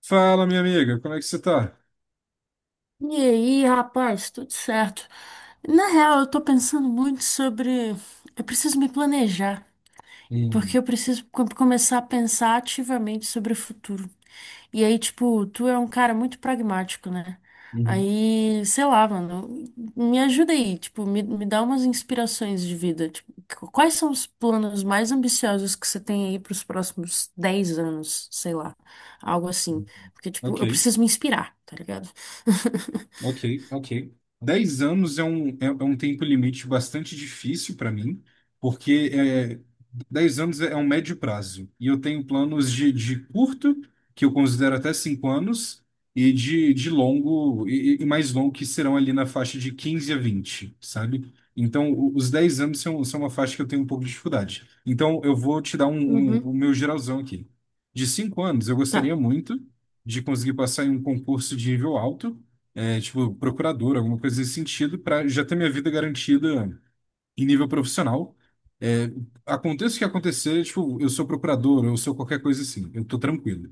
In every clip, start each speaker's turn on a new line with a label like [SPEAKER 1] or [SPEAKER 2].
[SPEAKER 1] Fala, minha amiga, como é que você tá?
[SPEAKER 2] E aí, rapaz, tudo certo? Na real, eu tô pensando muito sobre. Eu preciso me planejar, porque
[SPEAKER 1] Hum,
[SPEAKER 2] eu preciso começar a pensar ativamente sobre o futuro. E aí, tipo, tu é um cara muito pragmático, né?
[SPEAKER 1] uhum.
[SPEAKER 2] Aí, sei lá, mano, me ajuda aí, tipo, me dá umas inspirações de vida. Tipo, quais são os planos mais ambiciosos que você tem aí pros próximos 10 anos, sei lá, algo assim. Porque, tipo, eu
[SPEAKER 1] Ok.
[SPEAKER 2] preciso me inspirar, tá ligado?
[SPEAKER 1] Ok, ok. 10 anos é um tempo limite bastante difícil para mim, porque 10 anos é um médio prazo. E eu tenho planos de curto, que eu considero até 5 anos, e de longo, e mais longo, que serão ali na faixa de 15 a 20, sabe? Então, os 10 anos são uma faixa que eu tenho um pouco de dificuldade. Então, eu vou te dar
[SPEAKER 2] Uhum.
[SPEAKER 1] o meu geralzão aqui. De 5 anos, eu
[SPEAKER 2] Tá.
[SPEAKER 1] gostaria muito de conseguir passar em um concurso de nível alto, tipo, procurador, alguma coisa desse sentido, para já ter minha vida garantida em nível profissional. É, Aconteça o que acontecer, tipo, eu sou procurador, eu sou qualquer coisa assim, eu tô tranquilo.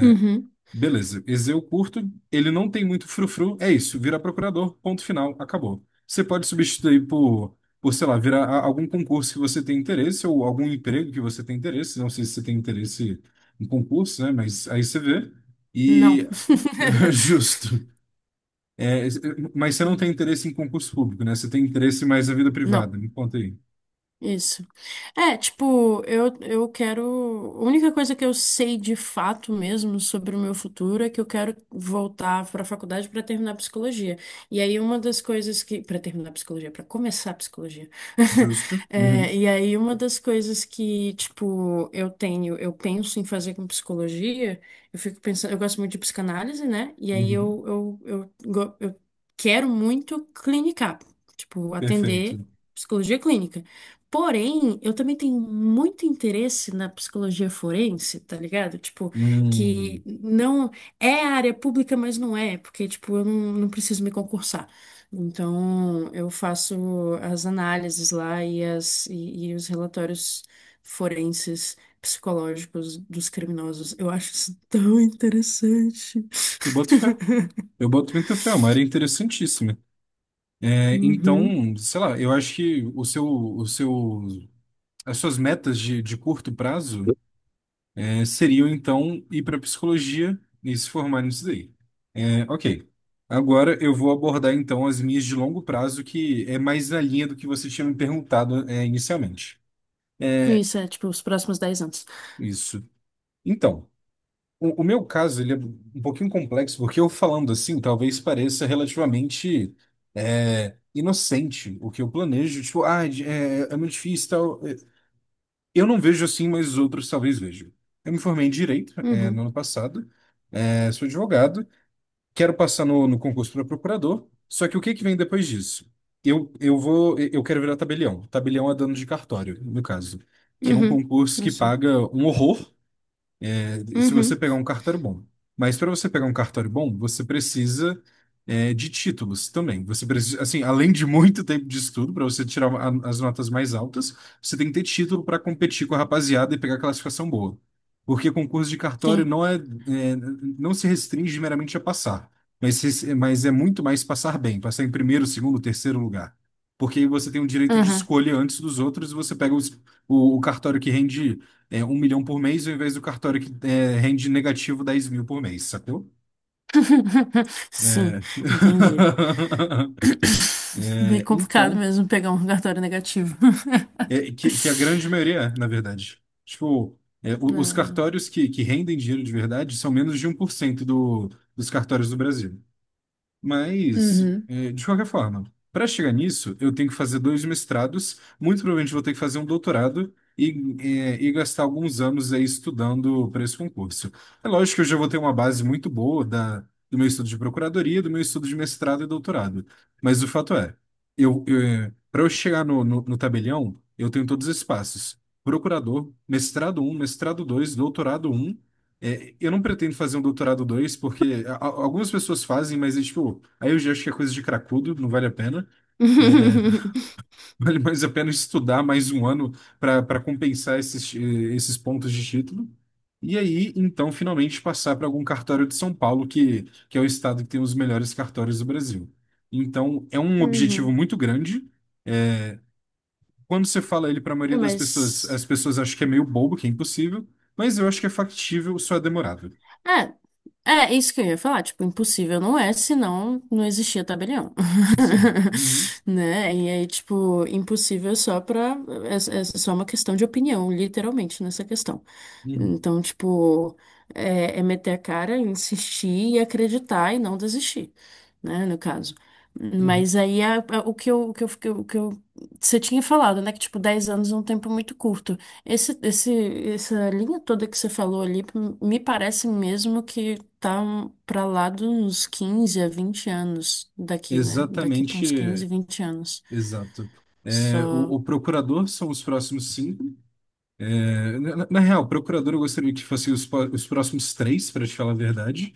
[SPEAKER 2] Uhum.
[SPEAKER 1] Beleza, esse eu curto, ele não tem muito frufru, é isso, vira procurador, ponto final, acabou. Você pode substituir por, sei lá, virar algum concurso que você tem interesse ou algum emprego que você tem interesse, não sei se você tem interesse em concurso, né, mas aí você vê.
[SPEAKER 2] Não.
[SPEAKER 1] E justo. É, mas você não tem interesse em concurso público, né? Você tem interesse mais na vida
[SPEAKER 2] Não.
[SPEAKER 1] privada. Me conta aí.
[SPEAKER 2] Isso. É, tipo, eu quero. A única coisa que eu sei de fato mesmo sobre o meu futuro é que eu quero voltar para a faculdade para terminar psicologia. E aí, uma das coisas que. Para terminar psicologia, para começar psicologia.
[SPEAKER 1] Justo.
[SPEAKER 2] É,
[SPEAKER 1] Uhum,
[SPEAKER 2] e aí, uma das coisas que, tipo, eu tenho, eu penso em fazer com psicologia, eu fico pensando. Eu gosto muito de psicanálise, né? E aí,
[SPEAKER 1] uhum.
[SPEAKER 2] eu quero muito clinicar, tipo, atender
[SPEAKER 1] Perfeito.
[SPEAKER 2] psicologia clínica. Porém, eu também tenho muito interesse na psicologia forense, tá ligado? Tipo,
[SPEAKER 1] Hum,
[SPEAKER 2] que não é área pública, mas não é, porque, tipo, eu não preciso me concursar. Então, eu faço as análises lá e os relatórios forenses psicológicos dos criminosos. Eu acho isso tão interessante.
[SPEAKER 1] eu boto fé. Eu boto muita fé. É uma área interessantíssima.
[SPEAKER 2] Uhum.
[SPEAKER 1] Então, sei lá, eu acho que o seu, as suas metas de curto prazo, seriam, então, ir para psicologia e se formar nisso daí. Ok. Agora eu vou abordar então as minhas de longo prazo, que é mais na linha do que você tinha me perguntado, inicialmente.
[SPEAKER 2] Isso é, tipo, os próximos 10 anos.
[SPEAKER 1] Isso. Então, o meu caso ele é um pouquinho complexo, porque eu falando assim, talvez pareça relativamente inocente o que eu planejo. Tipo, ah, é muito difícil e tal. Eu não vejo assim, mas outros talvez vejam. Eu me formei em Direito, no
[SPEAKER 2] Uhum.
[SPEAKER 1] ano passado, sou advogado, quero passar no concurso para procurador, só que o que que vem depois disso? Eu quero virar tabelião. Tabelião é dono de cartório, no caso, que é um
[SPEAKER 2] Uhum.
[SPEAKER 1] concurso
[SPEAKER 2] Não
[SPEAKER 1] que
[SPEAKER 2] sei.
[SPEAKER 1] paga um horror, se você
[SPEAKER 2] Uhum.
[SPEAKER 1] pegar um cartório bom. Mas para você pegar um cartório bom, você precisa, de títulos também. Você precisa, assim, além de muito tempo de estudo, para você tirar as notas mais altas, você tem que ter título para competir com a rapaziada e pegar classificação boa. Porque concurso de cartório
[SPEAKER 2] Sim.
[SPEAKER 1] não é, não se restringe meramente a passar, mas, mas é muito mais passar bem, passar em primeiro, segundo, terceiro lugar. Porque aí você tem um direito de
[SPEAKER 2] Uhum.
[SPEAKER 1] escolha antes dos outros e você pega o cartório que rende, 1 milhão por mês, ao invés do cartório que, rende negativo 10 mil por mês, sacou?
[SPEAKER 2] Sim,
[SPEAKER 1] É.
[SPEAKER 2] entendi. Bem complicado
[SPEAKER 1] Então,
[SPEAKER 2] mesmo pegar um cartório negativo.
[SPEAKER 1] que a grande maioria é, na verdade. Tipo, os
[SPEAKER 2] É.
[SPEAKER 1] cartórios que rendem dinheiro de verdade são menos de 1% dos cartórios do Brasil. Mas,
[SPEAKER 2] Uhum.
[SPEAKER 1] de qualquer forma, para chegar nisso, eu tenho que fazer 2 mestrados, muito provavelmente vou ter que fazer um doutorado e gastar alguns anos aí estudando para esse concurso. É lógico que eu já vou ter uma base muito boa do meu estudo de procuradoria, do meu estudo de mestrado e doutorado. Mas o fato é, eu, para eu chegar no tabelião, eu tenho todos esses passos. Procurador, mestrado um, mestrado dois, doutorado um, eu não pretendo fazer um doutorado 2 porque algumas pessoas fazem, mas é tipo, aí eu já acho que é coisa de cracudo, não vale a pena. É,
[SPEAKER 2] Uhum.
[SPEAKER 1] Vale mais a pena estudar mais um ano para compensar esses pontos de título. E aí, então, finalmente passar para algum cartório de São Paulo, que é o estado que tem os melhores cartórios do Brasil. Então, é um objetivo muito grande. Quando você fala ele para a
[SPEAKER 2] É.
[SPEAKER 1] maioria
[SPEAKER 2] Uhum.
[SPEAKER 1] das pessoas,
[SPEAKER 2] Mas.
[SPEAKER 1] as pessoas acham que é meio bobo, que é impossível, mas eu acho que é factível, só é demorado.
[SPEAKER 2] É, É, isso que eu ia falar, tipo, impossível não é, senão não existia tabelião.
[SPEAKER 1] Sim. Uhum.
[SPEAKER 2] Né? E aí, tipo, impossível é só pra. É só uma questão de opinião, literalmente, nessa questão.
[SPEAKER 1] Uhum.
[SPEAKER 2] Então, tipo, é meter a cara, insistir e acreditar e não desistir, né? No caso.
[SPEAKER 1] Uhum.
[SPEAKER 2] Mas aí você tinha falado, né? Que, tipo, 10 anos é um tempo muito curto. Essa linha toda que você falou ali, me parece mesmo que tá pra lá dos 15 a 20 anos daqui, né? Daqui pra uns
[SPEAKER 1] Exatamente,
[SPEAKER 2] 15 20 anos.
[SPEAKER 1] exato. É, o,
[SPEAKER 2] Só.
[SPEAKER 1] o procurador são os próximos cinco. Na real, procurador eu gostaria que fossem os próximos três, para te falar a verdade.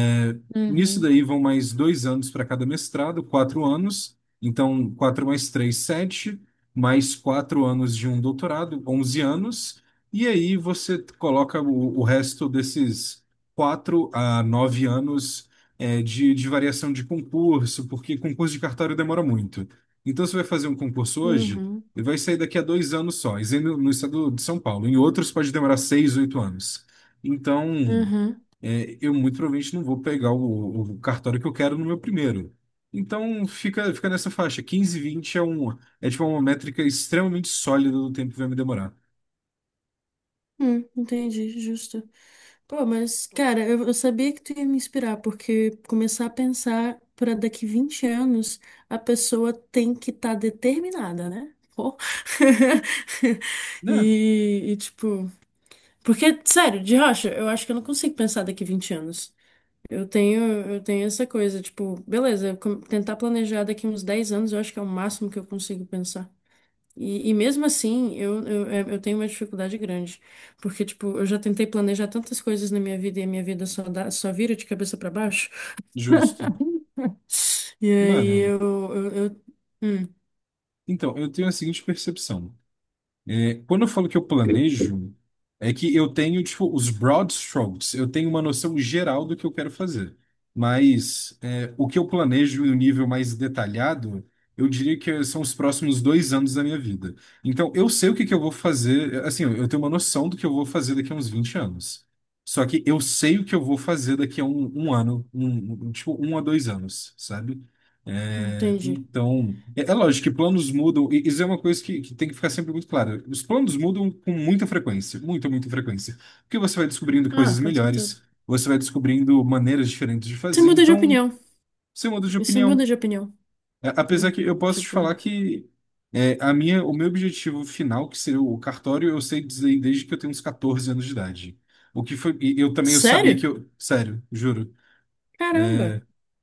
[SPEAKER 1] É, Nisso
[SPEAKER 2] Uhum,
[SPEAKER 1] daí vão mais 2 anos para cada mestrado, 4 anos. Então, quatro mais três, sete, mais 4 anos de um doutorado, 11 anos. E aí você coloca o resto desses 4 a 9 anos, de variação de concurso, porque concurso de cartório demora muito. Então, você vai fazer um concurso hoje,
[SPEAKER 2] uhum,
[SPEAKER 1] ele vai sair daqui a 2 anos só, isso aí no estado de São Paulo. Em outros pode demorar 6, 8 anos. Então,
[SPEAKER 2] uhum.
[SPEAKER 1] eu muito provavelmente não vou pegar o cartório que eu quero no meu primeiro. Então fica nessa faixa. Quinze, vinte, é tipo uma métrica extremamente sólida do tempo que vai me demorar.
[SPEAKER 2] Entendi, justo. Pô, mas, cara, eu sabia que tu ia me inspirar, porque começar a pensar pra daqui 20 anos, a pessoa tem que estar determinada, né? Pô.
[SPEAKER 1] Né?
[SPEAKER 2] E, tipo. Porque, sério, de rocha, eu acho que eu não consigo pensar daqui 20 anos. Eu tenho, eu tenho essa coisa, tipo, beleza, tentar planejar daqui uns 10 anos, eu acho que é o máximo que eu consigo pensar. E mesmo assim, eu tenho uma dificuldade grande. Porque, tipo, eu já tentei planejar tantas coisas na minha vida e a minha vida só dá, só vira de cabeça pra baixo.
[SPEAKER 1] Justo.
[SPEAKER 2] E aí
[SPEAKER 1] Mano,
[SPEAKER 2] eu, eu- hum,
[SPEAKER 1] então, eu tenho a seguinte percepção. Quando eu falo que eu planejo, é que eu tenho, tipo, os broad strokes, eu tenho uma noção geral do que eu quero fazer. Mas, o que eu planejo em um nível mais detalhado, eu diria que são os próximos 2 anos da minha vida. Então, eu sei o que que eu vou fazer, assim, eu tenho uma noção do que eu vou fazer daqui a uns 20 anos. Só que eu sei o que eu vou fazer daqui a um ano, tipo, um a 2 anos, sabe? É,
[SPEAKER 2] entendi.
[SPEAKER 1] Então, é, é lógico que planos mudam, e isso é uma coisa que tem que ficar sempre muito clara. Os planos mudam com muita frequência, muita, muita frequência. Porque você vai descobrindo
[SPEAKER 2] Ah,
[SPEAKER 1] coisas
[SPEAKER 2] com certeza.
[SPEAKER 1] melhores, você vai descobrindo maneiras diferentes de
[SPEAKER 2] Você
[SPEAKER 1] fazer,
[SPEAKER 2] muda de
[SPEAKER 1] então
[SPEAKER 2] opinião.
[SPEAKER 1] você muda de
[SPEAKER 2] Você muda
[SPEAKER 1] opinião.
[SPEAKER 2] de opinião,
[SPEAKER 1] Apesar
[SPEAKER 2] né?
[SPEAKER 1] que eu posso te
[SPEAKER 2] Tipo,
[SPEAKER 1] falar que o meu objetivo final, que seria o cartório, eu sei dizer desde que eu tenho uns 14 anos de idade. O que foi, e eu também eu sabia
[SPEAKER 2] sério?
[SPEAKER 1] que eu, sério, juro,
[SPEAKER 2] Caramba.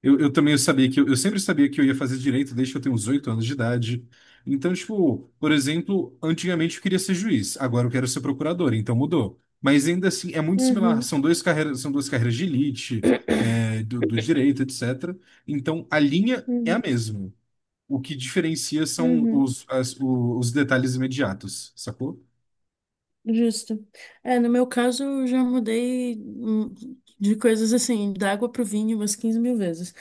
[SPEAKER 1] eu também sabia que eu, sempre sabia que eu ia fazer direito desde que eu tenho uns 8 anos de idade. Então, tipo, por exemplo, antigamente eu queria ser juiz, agora eu quero ser procurador, então mudou. Mas ainda assim é muito similar,
[SPEAKER 2] Uhum,
[SPEAKER 1] são duas carreiras de elite, do direito, etc. Então a linha é a
[SPEAKER 2] uhum,
[SPEAKER 1] mesma. O que diferencia são
[SPEAKER 2] uhum,
[SPEAKER 1] os detalhes imediatos, sacou?
[SPEAKER 2] justo. É, no meu caso, eu já mudei de coisas assim, da água pro vinho umas 15 mil vezes.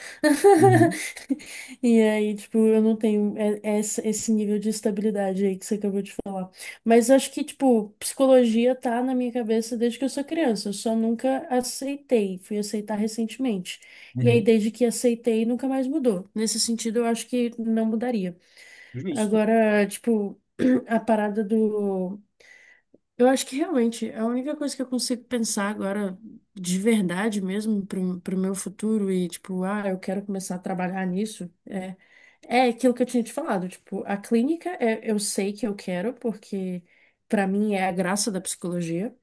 [SPEAKER 1] Uhum,
[SPEAKER 2] E aí, tipo, eu não tenho esse nível de estabilidade aí que você acabou de falar. Mas acho que, tipo, psicologia tá na minha cabeça desde que eu sou criança. Eu só nunca aceitei, fui aceitar recentemente. E aí,
[SPEAKER 1] uhum,
[SPEAKER 2] desde que aceitei, nunca mais mudou. Nesse sentido, eu acho que não mudaria.
[SPEAKER 1] justo.
[SPEAKER 2] Agora, tipo, a parada do. Eu acho que realmente a única coisa que eu consigo pensar agora, de verdade mesmo, pro meu futuro e, tipo, ah, eu quero começar a trabalhar nisso, é aquilo que eu tinha te falado. Tipo, a clínica é, eu sei que eu quero, porque pra mim é a graça da psicologia.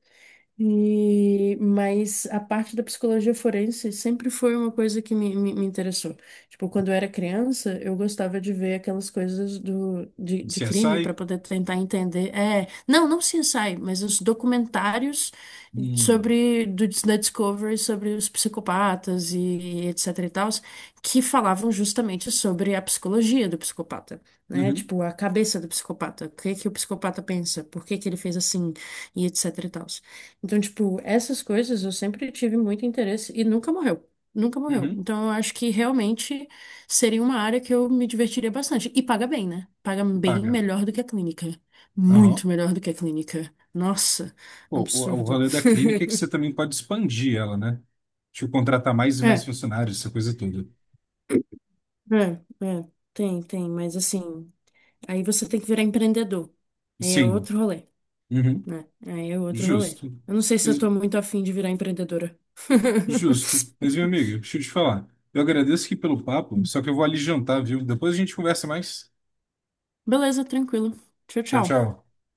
[SPEAKER 2] E, mas a parte da psicologia forense sempre foi uma coisa que me interessou. Tipo, quando eu era criança, eu gostava de ver aquelas coisas de crime
[SPEAKER 1] CSI?
[SPEAKER 2] para poder tentar entender. É, não, não CSI, mas os documentários
[SPEAKER 1] Hum,
[SPEAKER 2] sobre da Discovery sobre os psicopatas e etc e tal, que falavam justamente sobre a psicologia do psicopata, né?
[SPEAKER 1] uhum,
[SPEAKER 2] Tipo, a cabeça do psicopata, o que que o psicopata pensa, por que que ele fez assim e etc e tal. Então, tipo, essas coisas eu sempre tive muito interesse e nunca morreu. Nunca morreu.
[SPEAKER 1] uhum,
[SPEAKER 2] Então, eu acho que realmente seria uma área que eu me divertiria bastante. E paga bem, né? Paga bem
[SPEAKER 1] paga.
[SPEAKER 2] melhor do que a clínica. Muito
[SPEAKER 1] Aham.
[SPEAKER 2] melhor do que a clínica. Nossa,
[SPEAKER 1] Pô, o
[SPEAKER 2] absurdo.
[SPEAKER 1] rolê da clínica é que você também pode expandir ela, né? Tipo, contratar mais e mais
[SPEAKER 2] É,
[SPEAKER 1] funcionários, essa coisa toda.
[SPEAKER 2] é, é. Tem, tem. Mas assim, aí você tem que virar empreendedor. Aí é
[SPEAKER 1] Sim,
[SPEAKER 2] outro rolê,
[SPEAKER 1] uhum,
[SPEAKER 2] né? Aí é outro rolê.
[SPEAKER 1] justo.
[SPEAKER 2] Eu não sei se eu
[SPEAKER 1] Mas-
[SPEAKER 2] tô muito afim de virar empreendedora.
[SPEAKER 1] Justo. Mas, meu amigo, deixa eu te falar. Eu agradeço aqui pelo papo, só que eu vou ali jantar, viu? Depois a gente conversa mais.
[SPEAKER 2] Beleza, tranquilo. Tchau,
[SPEAKER 1] Tchau,
[SPEAKER 2] tchau.
[SPEAKER 1] tchau.